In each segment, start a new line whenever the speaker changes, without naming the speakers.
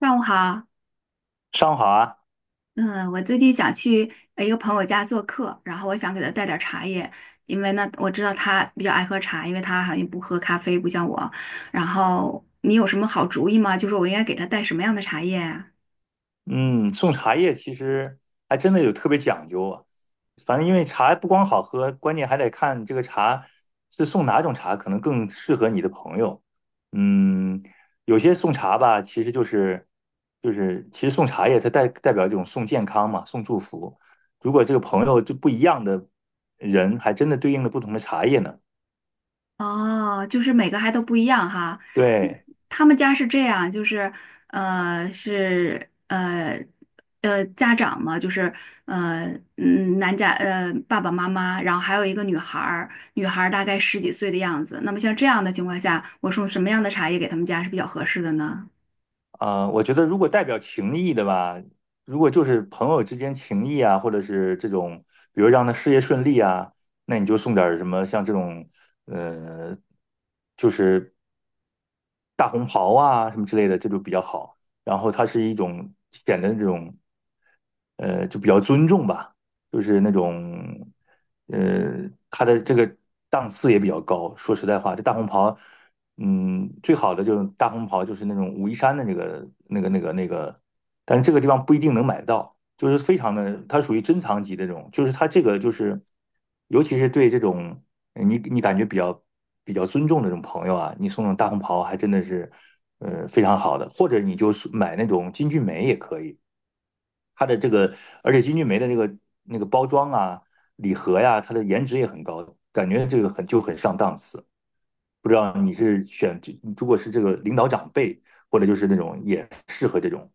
上午好，
上午好啊，
嗯，我最近想去一个朋友家做客，然后我想给他带点儿茶叶，因为呢，我知道他比较爱喝茶，因为他好像不喝咖啡，不像我。然后你有什么好主意吗？就是我应该给他带什么样的茶叶啊？
嗯，送茶叶其实还真的有特别讲究啊。反正因为茶不光好喝，关键还得看这个茶是送哪种茶，可能更适合你的朋友。嗯，有些送茶吧，其实就是送茶叶，它代表这种送健康嘛，送祝福。如果这个朋友就不一样的人，还真的对应了不同的茶叶呢。
哦，就是每个还都不一样哈。
对。
他们家是这样，就是呃是呃家长嘛，就是呃男家爸爸妈妈，然后还有一个女孩儿，女孩儿大概十几岁的样子。那么像这样的情况下，我送什么样的茶叶给他们家是比较合适的呢？
我觉得如果代表情谊的吧，如果就是朋友之间情谊啊，或者是这种，比如让他事业顺利啊，那你就送点儿什么像这种，呃，就是大红袍啊什么之类的，这就比较好。然后它是一种显的这种就比较尊重吧，就是那种，呃，他的这个档次也比较高。说实在话，这大红袍，最好的就是大红袍，就是那种武夷山的那个，但是这个地方不一定能买到，就是非常的，它属于珍藏级的这种，就是它这个就是，尤其是对这种你感觉比较尊重的这种朋友啊，你送那种大红袍还真的是，非常好的，或者你就是买那种金骏眉也可以。它的这个，而且金骏眉的那个包装啊、礼盒呀、啊它的颜值也很高，感觉这个很就很上档次。不知道你是选，如果是这个领导长辈，或者就是那种也适合这种，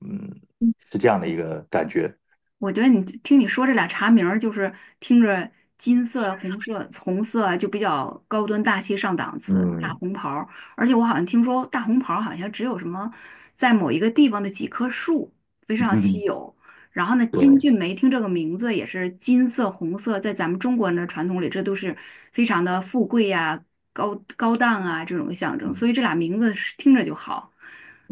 嗯，是这样的一个感觉。
我觉得你听你说这俩茶名儿，就是听着金色、红色、红色啊就比较高端大气上档次，大
嗯，
红袍儿。而且我好像听说大红袍儿好像只有什么在某一个地方的几棵树非常稀
嗯，
有。然后呢，
对，
金骏眉听这个名字也是金色、红色，在咱们中国人的传统里，这都是非常的富贵呀、高高档啊这种象征。所以
嗯，
这俩名字是听着就好。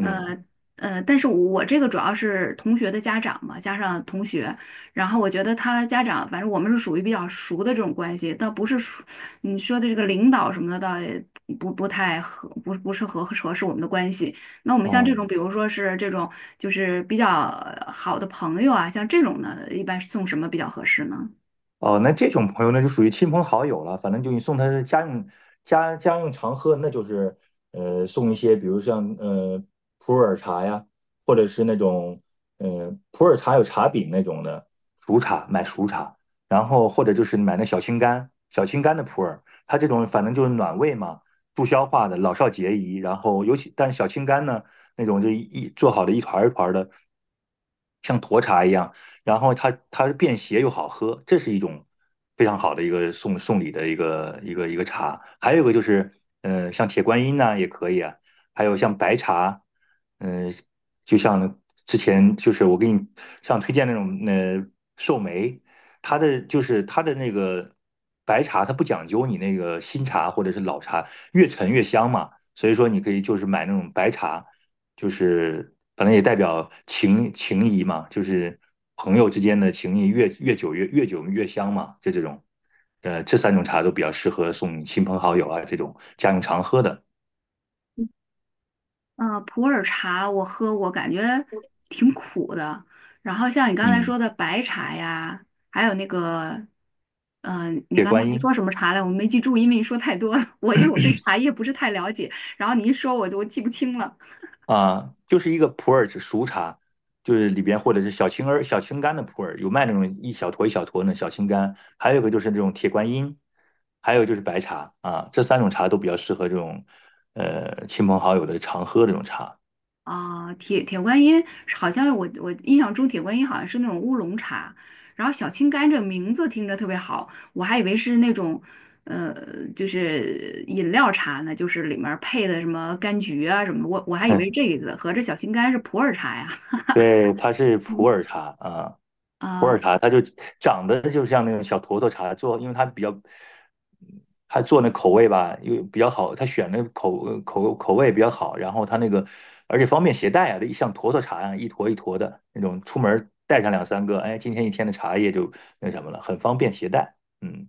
呃，但是我这个主要是同学的家长嘛，加上同学，然后我觉得他家长，反正我们是属于比较熟的这种关系，倒不是熟你说的这个领导什么的，倒也不太合，不是合适我们的关系。那我们像这种，
哦，
比如说是这种就是比较好的朋友啊，像这种呢，一般是送什么比较合适呢？
哦，那这种朋友那就属于亲朋好友了，反正就你送他是家用家用常喝，那就是送一些，比如像普洱茶呀，或者是那种普洱茶有茶饼那种的熟茶，买熟茶，然后或者就是买那小青柑，小青柑的普洱，它这种反正就是暖胃嘛，助消化的，老少皆宜。然后尤其但是小青柑呢，那种就一做好的一团儿一团儿的，像沱茶一样。然后它便携又好喝，这是一种非常好的一个送礼的一个茶。还有一个就是，像铁观音呐、也可以啊，还有像白茶，嗯、就像之前就是我给你像推荐那种寿眉，它的就是它的那个白茶，它不讲究你那个新茶或者是老茶，越陈越香嘛，所以说你可以就是买那种白茶。就是反正也代表情谊嘛，就是朋友之间的情谊越久越久越香嘛，就这种，这三种茶都比较适合送亲朋好友啊这种家用常喝的。
嗯，普洱茶我喝过，感觉挺苦的。然后像你刚才
嗯，
说的白茶呀，还有那个，嗯、你
铁
刚才
观
还
音
说什么茶来？我没记住，因为你说太多了。我因为我对茶叶不是太了解，然后你一说我都记不清了。
啊，就是一个普洱熟茶，就是里边或者是小青儿、小青柑的普洱，有卖那种一小坨一小坨的小青柑，还有一个就是这种铁观音，还有就是白茶啊，这三种茶都比较适合这种亲朋好友的常喝这种茶。
啊，铁观音好像是我印象中铁观音好像是那种乌龙茶，然后小青柑这名字听着特别好，我还以为是那种，呃，就是饮料茶呢，就是里面儿配的什么柑橘啊什么的，我还以为是 这个意思合着小青柑是普洱茶呀。
对，它是普
嗯，
洱茶啊，普
啊、
洱茶它就长得就像那种小坨坨茶做，因为它比较，它做那口味吧，又比较好，它选的口味比较好，然后它那个而且方便携带啊，一像坨坨茶啊，一坨一坨的那种，出门儿带上两三个，哎，今天一天的茶叶就那什么了，很方便携带。嗯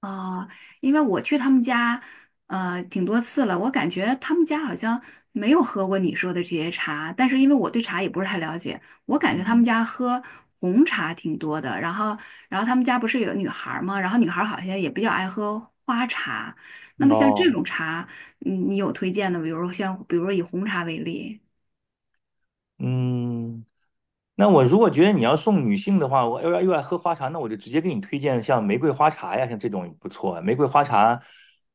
啊，因为我去他们家，呃，挺多次了，我感觉他们家好像没有喝过你说的这些茶，但是因为我对茶也不是太了解，我感觉他们
嗯，
家喝红茶挺多的，然后他们家不是有女孩儿吗？然后女孩儿好像也比较爱喝花茶，那么像这
哦，
种茶，你有推荐的，比如说以红茶为例。
嗯，那我如果觉得你要送女性的话，我又要又爱喝花茶，那我就直接给你推荐像玫瑰花茶呀，像这种不错啊。玫瑰花茶，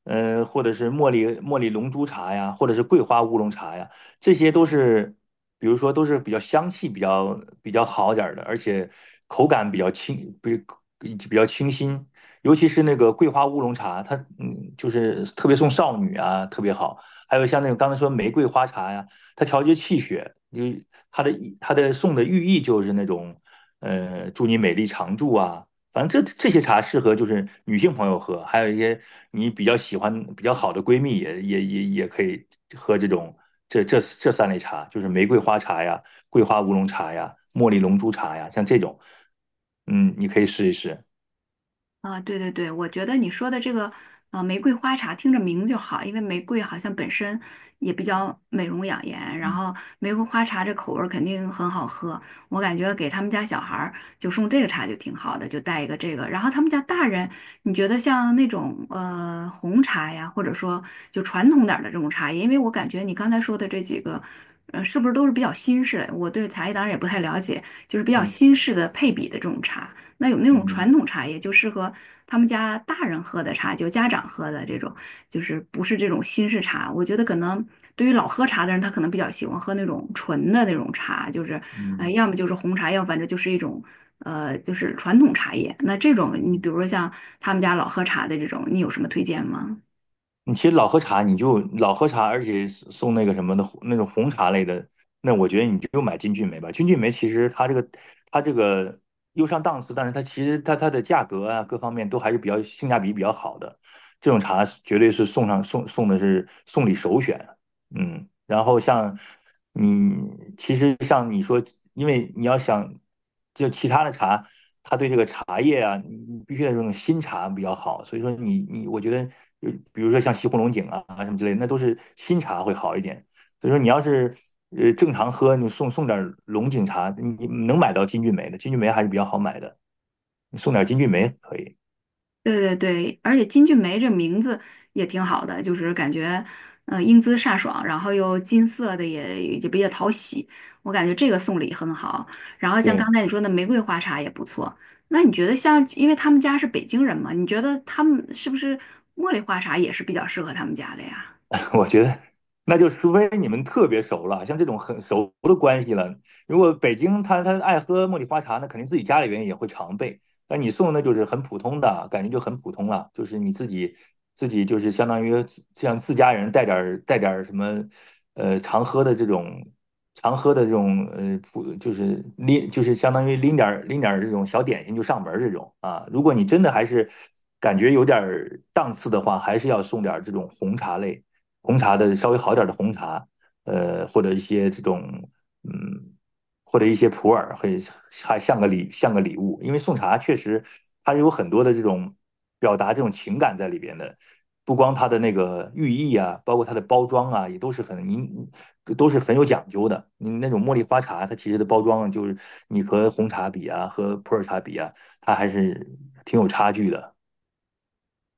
或者是茉莉龙珠茶呀，或者是桂花乌龙茶呀，这些都是，比如说都是比较香气比较好点儿的，而且口感比较清，比较清新。尤其是那个桂花乌龙茶，它就是特别送少女啊，特别好。还有像那种刚才说玫瑰花茶呀，啊它调节气血，就它的它的送的寓意就是那种，祝你美丽常驻啊。反正这这些茶适合就是女性朋友喝，还有一些你比较喜欢比较好的闺蜜也可以喝这种这这这三类茶，就是玫瑰花茶呀、桂花乌龙茶呀、茉莉龙珠茶呀，像这种，你可以试一试。
啊，对对对，我觉得你说的这个玫瑰花茶听着名就好，因为玫瑰好像本身也比较美容养颜，然
嗯
后玫瑰花茶这口味儿肯定很好喝，我感觉给他们家小孩儿就送这个茶就挺好的，就带一个这个。然后他们家大人，你觉得像那种红茶呀，或者说就传统点儿的这种茶叶，因为我感觉你刚才说的这几个。呃，是不是都是比较新式的？我对茶叶当然也不太了解，就是比较
嗯
新式的配比的这种茶。那有那种
嗯
传统茶叶，就适合他们家大人喝的茶，就家长喝的这种，就是不是这种新式茶。我觉得可能对于老喝茶的人，他可能比较喜欢喝那种纯的那种茶，就是
嗯。
要么就是红茶，要么反正就是一种就是传统茶叶。那这种你比如
嗯
说像他们家老喝茶的这种，你有什么推荐吗？
你其实老喝茶，你就老喝茶，而且送那个什么的那种红茶类的，那我觉得你就买金骏眉吧。金骏眉其实它这个又上档次，但是它其实它的价格啊各方面都还是比较性价比比较好的，这种茶绝对是送上送送的是送礼首选啊。嗯，然后像你，其实像你说，因为你要想就其他的茶，它对这个茶叶啊，你必须得用那种新茶比较好。所以说你，我觉得，就比如说像西湖龙井啊什么之类的，那都是新茶会好一点。所以说你要是正常喝，你送点龙井茶，你能买到金骏眉的，金骏眉还是比较好买的，你送点金骏眉可以。
对对对，而且金俊梅这名字也挺好的，就是感觉，呃，英姿飒爽，然后又金色的也比较讨喜，我感觉这个送礼很好。然后像
对。
刚才你说的玫瑰花茶也不错，那你觉得像，因为他们家是北京人嘛，你觉得他们是不是茉莉花茶也是比较适合他们家的呀？
我觉得那就除非你们特别熟了，像这种很熟的关系了。如果北京他爱喝茉莉花茶，那肯定自己家里边也会常备。但你送的就是很普通的，感觉就很普通了，就是你自己就是相当于像自家人带点什么，常喝的这种。常喝的这种呃普就是拎就是相当于拎点拎点这种小点心就上门这种啊，如果你真的还是感觉有点档次的话，还是要送点这种红茶类红茶的稍微好点的红茶，或者一些这种嗯，或者一些普洱，会还像个礼物，因为送茶确实它有很多的这种表达这种情感在里边的。不光它的那个寓意啊，包括它的包装啊，也都是都是很有讲究的。你那种茉莉花茶，它其实的包装就是你和红茶比啊，和普洱茶比啊，它还是挺有差距的。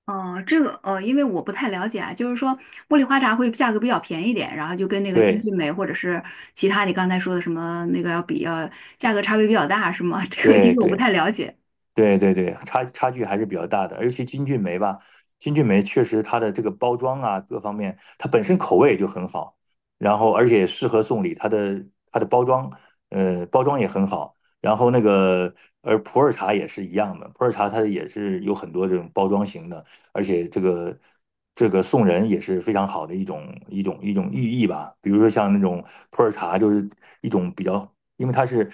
哦，这个呃，因为我不太了解啊，就是说茉莉花茶会价格比较便宜一点，然后就跟那个金
对
骏眉或者是其他你刚才说的什么那个要价格差别比较大，是吗？这个因
对
为我不
对，
太了解。
对对对，差距还是比较大的，而且金骏眉吧，金骏眉确实它的这个包装啊，各方面，它本身口味就很好，然后而且适合送礼，它的包装，包装也很好，然后那个而普洱茶也是一样的，普洱茶它也是有很多这种包装型的，而且这个送人也是非常好的一种寓意吧，比如说像那种普洱茶就是一种比较因为它是，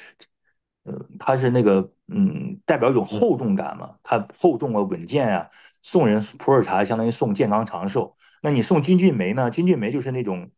呃，它是那个，代表一种厚重感嘛，它厚重啊，稳健啊。送人普洱茶相当于送健康长寿，那你送金骏眉呢？金骏眉就是那种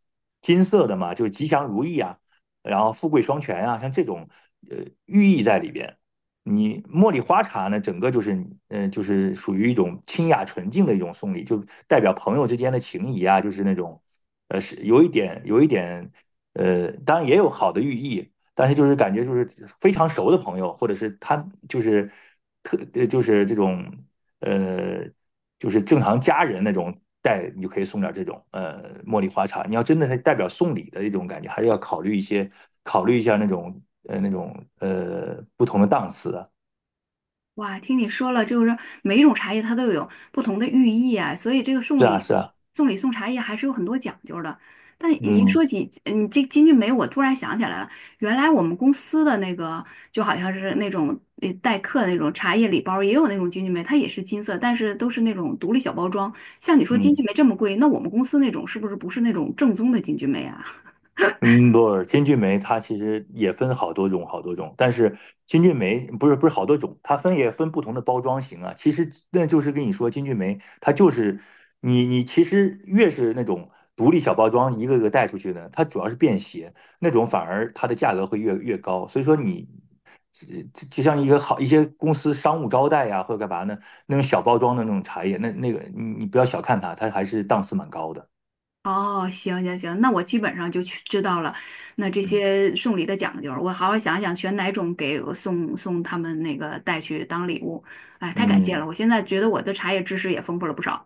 金色的嘛，就是吉祥如意啊，然后富贵双全啊，像这种呃寓意在里边。你茉莉花茶呢，整个就是，就是属于一种清雅纯净的一种送礼，就代表朋友之间的情谊啊，就是那种，是有一点，有一点，当然也有好的寓意，但是就是感觉就是非常熟的朋友，或者是他就是就是这种呃就是正常家人那种带，你就可以送点这种茉莉花茶。你要真的是代表送礼的一种感觉，还是要考虑一下那种那种不同的档次的。
哇，听你说了，就是每一种茶叶它都有不同的寓意啊，所以这个
是啊，是啊，
送礼送茶叶还是有很多讲究的。但你一
嗯
说起你这金骏眉，我突然想起来了，原来我们公司的那个就好像是那种待客的那种茶叶礼包，也有那种金骏眉，它也是金色，但是都是那种独立小包装。像你说金
嗯。
骏眉这么贵，那我们公司那种不是那种正宗的金骏眉啊？
嗯，不，金骏眉它其实也分好多种，好多种。但是金骏眉不是不是好多种，它分也分不同的包装型啊。其实那就是跟你说，金骏眉它就是你其实越是那种独立小包装，一个个带出去的，它主要是便携，那种反而它的价格会越高。所以说你这这就像一个好一些公司商务招待呀、或者干嘛呢，那种小包装的那种茶叶，那那个你不要小看它，它还是档次蛮高的。
哦，行行行，那我基本上就去知道了。那这
嗯
些送礼的讲究，我好好想想选哪种给我送他们那个带去当礼物。哎，太感谢
嗯。
了，我现在觉得我的茶叶知识也丰富了不少。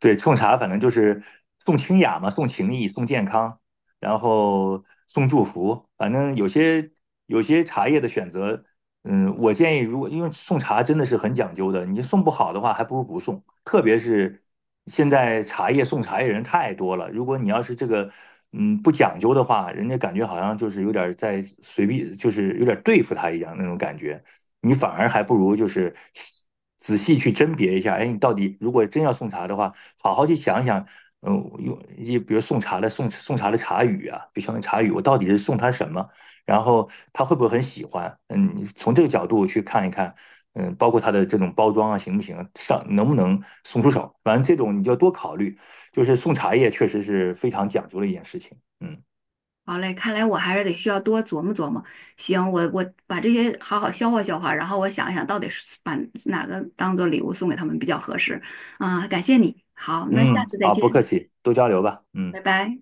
对，送茶反正就是送清雅嘛，送情谊，送健康，然后送祝福，反正有些茶叶的选择，我建议如果因为送茶真的是很讲究的，你送不好的话，还不如不送。特别是现在茶叶送茶叶人太多了，如果你要是这个不讲究的话，人家感觉好像就是有点在随便，就是有点对付他一样那种感觉，你反而还不如就是。仔细去甄别一下，哎，你到底如果真要送茶的话，好好去想一想，用就比如送茶的茶语啊，比相当于茶语，我到底是送他什么，然后他会不会很喜欢？嗯，从这个角度去看一看，嗯，包括他的这种包装啊，行不行，上能不能送出手，反正这种你就要多考虑。就是送茶叶确实是非常讲究的一件事情，嗯
好嘞，看来我还是得需要多琢磨琢磨。行，我把这些好好消化消化，然后我想一想到底是把哪个当做礼物送给他们比较合适。啊，感谢你。好，那下
嗯，
次再
好，不
见，
客气，多交流吧，嗯。
拜拜。